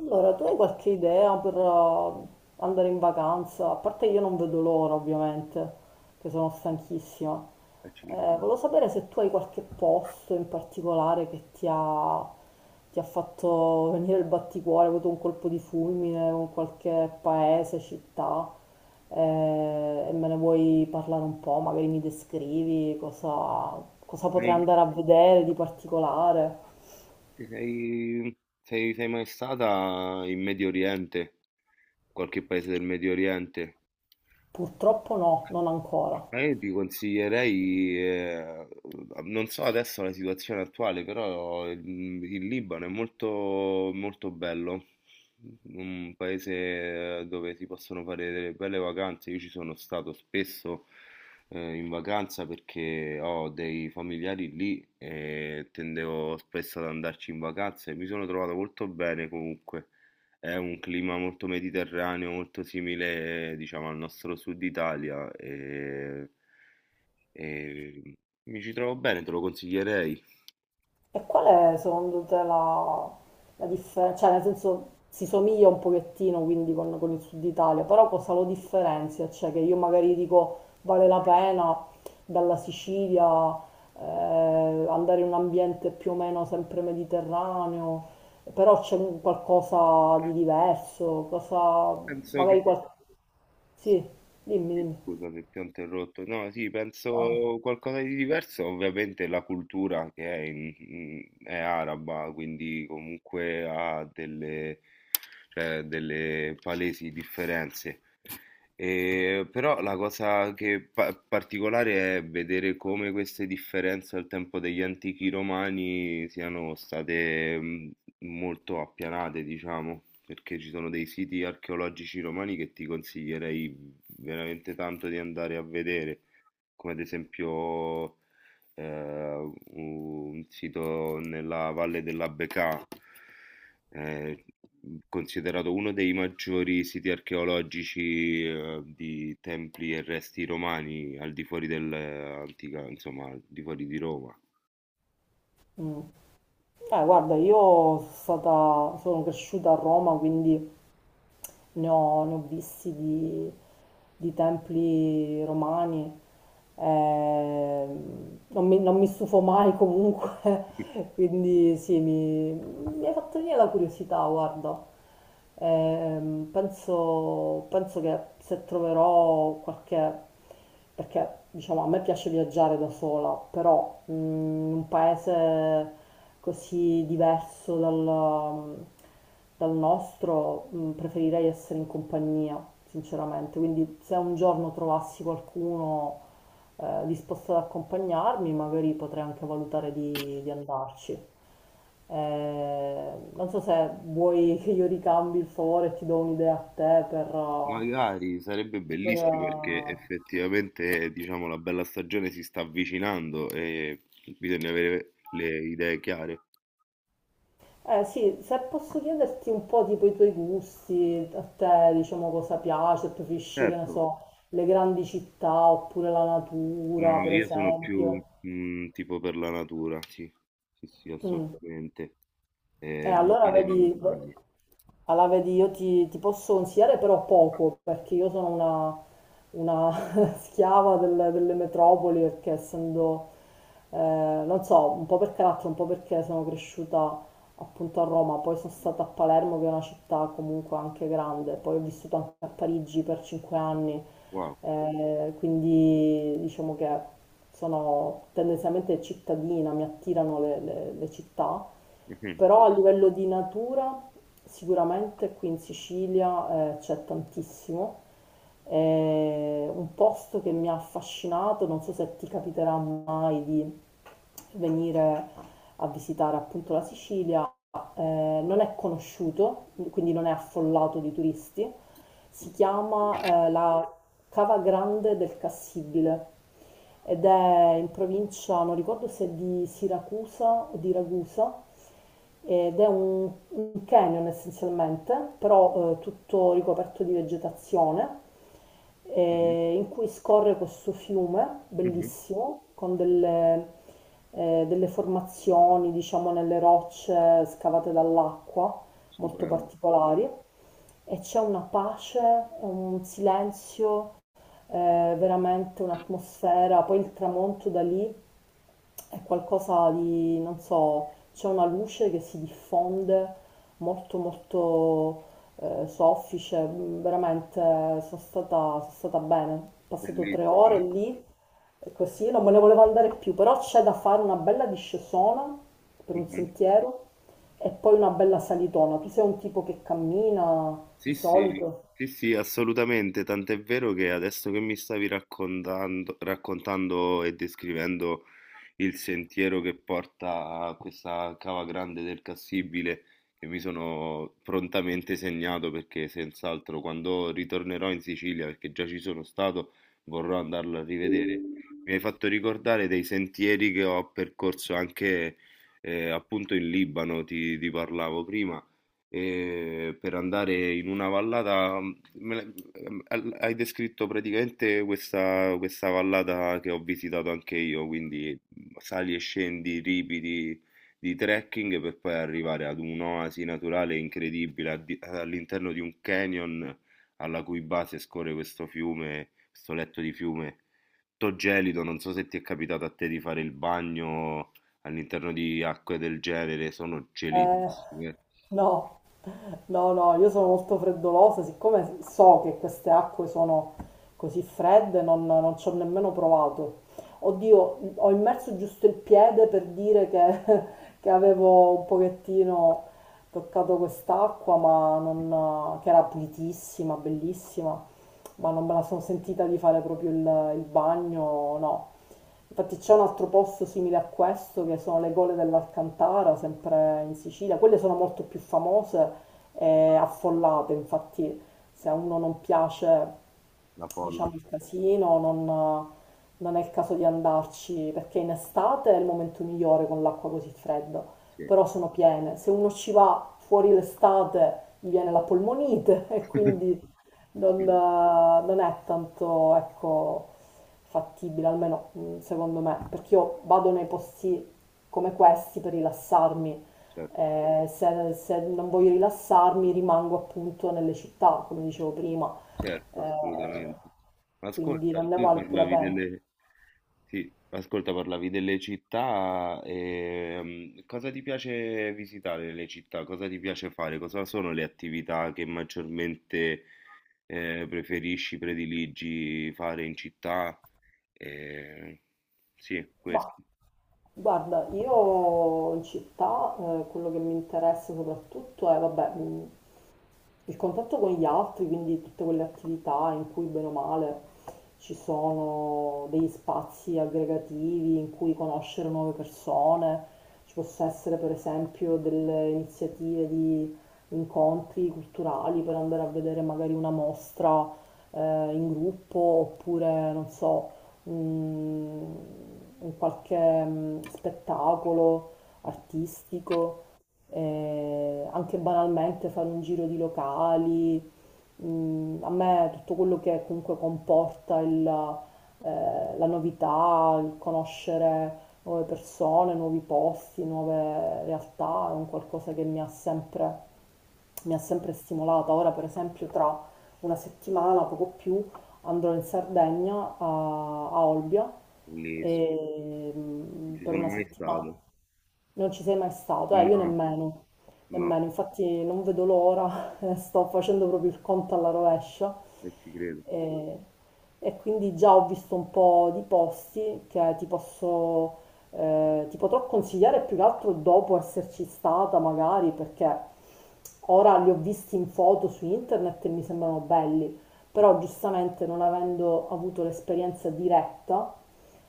Allora, tu hai qualche idea per andare in vacanza? A parte io non vedo l'ora, ovviamente, che sono stanchissima. Eh, Accidenti. volevo sapere se tu hai qualche posto in particolare che ti ha fatto venire il batticuore, hai avuto un colpo di fulmine con qualche paese, città, e me ne vuoi parlare un po', magari mi descrivi cosa Sei, potrei andare a vedere di particolare. sei- sei mai stata in Medio Oriente? Qualche paese del Medio Oriente? Purtroppo no, non ancora. Ma io ti consiglierei, non so adesso la situazione attuale, però il Libano è molto, molto bello, un paese dove si possono fare delle belle vacanze. Io ci sono stato spesso in vacanza perché ho dei familiari lì e tendevo spesso ad andarci in vacanza e mi sono trovato molto bene comunque. È un clima molto mediterraneo, molto simile, diciamo, al nostro sud Italia e mi ci trovo bene, te lo consiglierei. E qual è secondo te la differenza? Cioè, nel senso, si somiglia un pochettino quindi con il Sud Italia, però cosa lo differenzia? Cioè, che io magari dico vale la pena dalla Sicilia eh, andare in un ambiente più o meno sempre mediterraneo, però c'è un qualcosa di diverso, cosa, Penso magari che... qualcosa... Sì, dimmi, sì, dimmi. scusa se ti ho interrotto. No, sì, Ah, penso qualcosa di diverso. Ovviamente la cultura che è, è araba, quindi comunque ha delle, cioè, delle palesi differenze. E però la cosa che particolare è vedere come queste differenze al tempo degli antichi romani siano state molto appianate, diciamo, perché ci sono dei siti archeologici romani che ti consiglierei veramente tanto di andare a vedere, come ad esempio un sito nella Valle della Becà, eh, considerato uno dei maggiori siti archeologici di templi e resti romani al di fuori dell'antica, insomma, al di fuori di Roma. mm. Guarda, io sono cresciuta a Roma, quindi ne ho visti di templi romani, non mi stufo mai comunque, quindi sì, mi hai fatto venire la curiosità, guarda. Penso che se troverò qualche... Perché diciamo a me piace viaggiare da sola, però in un paese così diverso dal nostro preferirei essere in compagnia, sinceramente. Quindi se un giorno trovassi qualcuno disposto ad accompagnarmi, magari potrei anche valutare di andarci. Non so se vuoi che io ricambi il favore e ti do un'idea a te Magari sarebbe per, bellissimo perché eh effettivamente, diciamo, la bella stagione si sta avvicinando e bisogna avere le idee chiare. Sì, se posso chiederti un po' tipo i tuoi gusti, a te diciamo cosa piace, preferisci che ne Certo. so, le grandi città oppure la No, natura no, per io sono più esempio. Tipo per la natura, sì, sì, sì, Mm. assolutamente. Eh, Eh, allora mare e vedi... montagne. Allora, vedi, io ti posso consigliare però poco, perché io sono una schiava delle metropoli, perché essendo, non so, un po' per carattere, un po' perché sono cresciuta appunto a Roma, poi sono stata a Palermo, che è una città comunque anche grande, poi ho vissuto anche a Parigi per 5 anni, Wow. Quindi diciamo che sono tendenzialmente cittadina, mi attirano le città, Mhm, però a livello di natura sicuramente qui in Sicilia c'è tantissimo. È un posto che mi ha affascinato, non so se ti capiterà mai di venire a visitare appunto la Sicilia, ma non è conosciuto, quindi non è affollato di turisti. Si chiama la Cava Grande del Cassibile ed è in provincia, non ricordo se è di Siracusa o di Ragusa, ed è un canyon essenzialmente, però tutto ricoperto di vegetazione, mhm, in cui scorre questo fiume mhm. bellissimo, con delle formazioni, diciamo, nelle rocce scavate dall'acqua, molto Stupendo, particolari, e c'è una pace, un silenzio, eh, veramente un'atmosfera, poi il tramonto da lì è qualcosa di, non so, c'è una luce che si diffonde molto molto soffice, veramente sono stata bene. Ho passato 3 ore bellissimo. lì e così non me ne volevo andare più, però c'è da fare una bella discesona per un sentiero e poi una bella salitona. Tu sei un tipo che cammina di Sì, sì, solito? sì, sì, assolutamente, tant'è vero che adesso che mi stavi raccontando e descrivendo il sentiero che porta a questa cava grande del Cassibile, che mi sono prontamente segnato perché senz'altro quando ritornerò in Sicilia, perché già ci sono stato, vorrò andarlo a rivedere. Mi hai fatto ricordare dei sentieri che ho percorso anche appunto in Libano, ti parlavo prima per andare in una vallata. Me hai descritto praticamente questa vallata che ho visitato anche io, quindi sali e scendi ripidi di trekking per poi arrivare ad un'oasi naturale incredibile all'interno di un canyon alla cui base scorre questo fiume, questo letto di fiume. Tutto gelido, non so se ti è capitato a te di fare il bagno all'interno di acque del genere, sono Eh, gelidissime, no. No, no, io sono molto freddolosa, siccome so che queste acque sono così fredde, non ci ho nemmeno provato. Oddio, ho immerso giusto il piede per dire che, che avevo un pochettino toccato quest'acqua, ma non, che era pulitissima, bellissima, ma non me la sono sentita di fare proprio il bagno, no. Infatti c'è un altro posto simile a questo che sono le gole dell'Alcantara, sempre in Sicilia. Quelle sono molto più famose e affollate, infatti se a uno non piace, la folla. diciamo, il casino, non è il caso di andarci, perché in estate è il momento migliore con l'acqua così fredda, Sì. però sono piene. Se uno ci va fuori l'estate gli viene la polmonite e quindi non, Sì, eh, non è tanto, ecco, fattibile, almeno secondo me, perché io vado nei posti come questi per rilassarmi. certo, Se non voglio rilassarmi, rimango appunto nelle città, come dicevo prima. certo, Eh, assolutamente. quindi Ascolta, non ne tu vale più la parlavi pena. delle... Sì, ascolta, parlavi delle città, cosa ti piace visitare nelle città? Cosa ti piace fare? Cosa sono le attività che maggiormente preferisci, prediligi fare in città? Eh, sì, Ma questo. guarda, io in città quello che mi interessa soprattutto è, vabbè, il contatto con gli altri, quindi tutte quelle attività in cui bene o male ci sono degli spazi aggregativi in cui conoscere nuove persone, ci possa essere per esempio delle iniziative di incontri culturali per andare a vedere magari una mostra eh, in gruppo oppure non so, un, un qualche spettacolo artistico anche banalmente fare un giro di locali, a me tutto quello che comunque comporta la novità, il conoscere nuove persone, nuovi posti, nuove realtà, è un qualcosa che mi ha sempre stimolata. Ora, per esempio, tra una settimana, poco più, andrò in Sardegna a, a Olbia Bellissimo. e, Non ci per sono una mai settimana. stato. Non ci sei mai stato, io No, nemmeno, no, nemmeno, infatti non vedo l'ora, sto facendo proprio il conto alla rovescia e ci credo. e, quindi già ho visto un po' di posti che ti potrò consigliare più che altro dopo esserci stata magari perché ora li ho visti in foto su internet e mi sembrano belli, però giustamente non avendo avuto l'esperienza diretta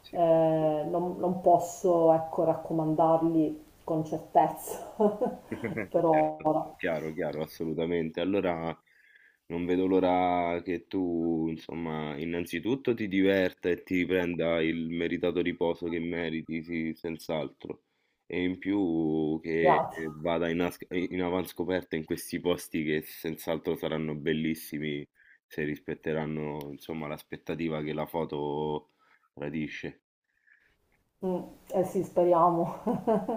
Sì. Non posso, ecco, raccomandarli con certezza per Certo, ora. chiaro, chiaro, assolutamente. Allora non vedo l'ora che tu, insomma, innanzitutto ti diverta e ti prenda il meritato riposo che meriti, sì, senz'altro. E in più che Grazie. vada in, in avanscoperta in questi posti che senz'altro saranno bellissimi se rispetteranno, insomma, l'aspettativa che la foto tradisce. Mm, eh sì, speriamo,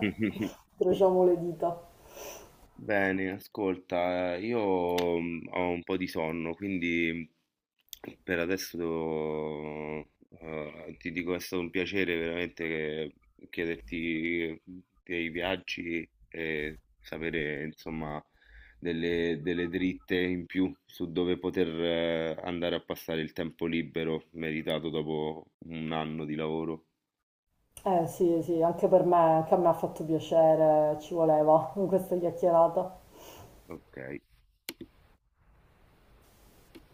incrociamo le dita. Bene, ascolta, io ho un po' di sonno, quindi per adesso ti dico è stato un piacere veramente chiederti dei viaggi e sapere insomma delle, delle dritte in più su dove poter andare a passare il tempo libero meritato dopo un anno di lavoro. Eh sì, sì, anche per me, anche a me ha fatto piacere, ci voleva questa chiacchierata. Ok.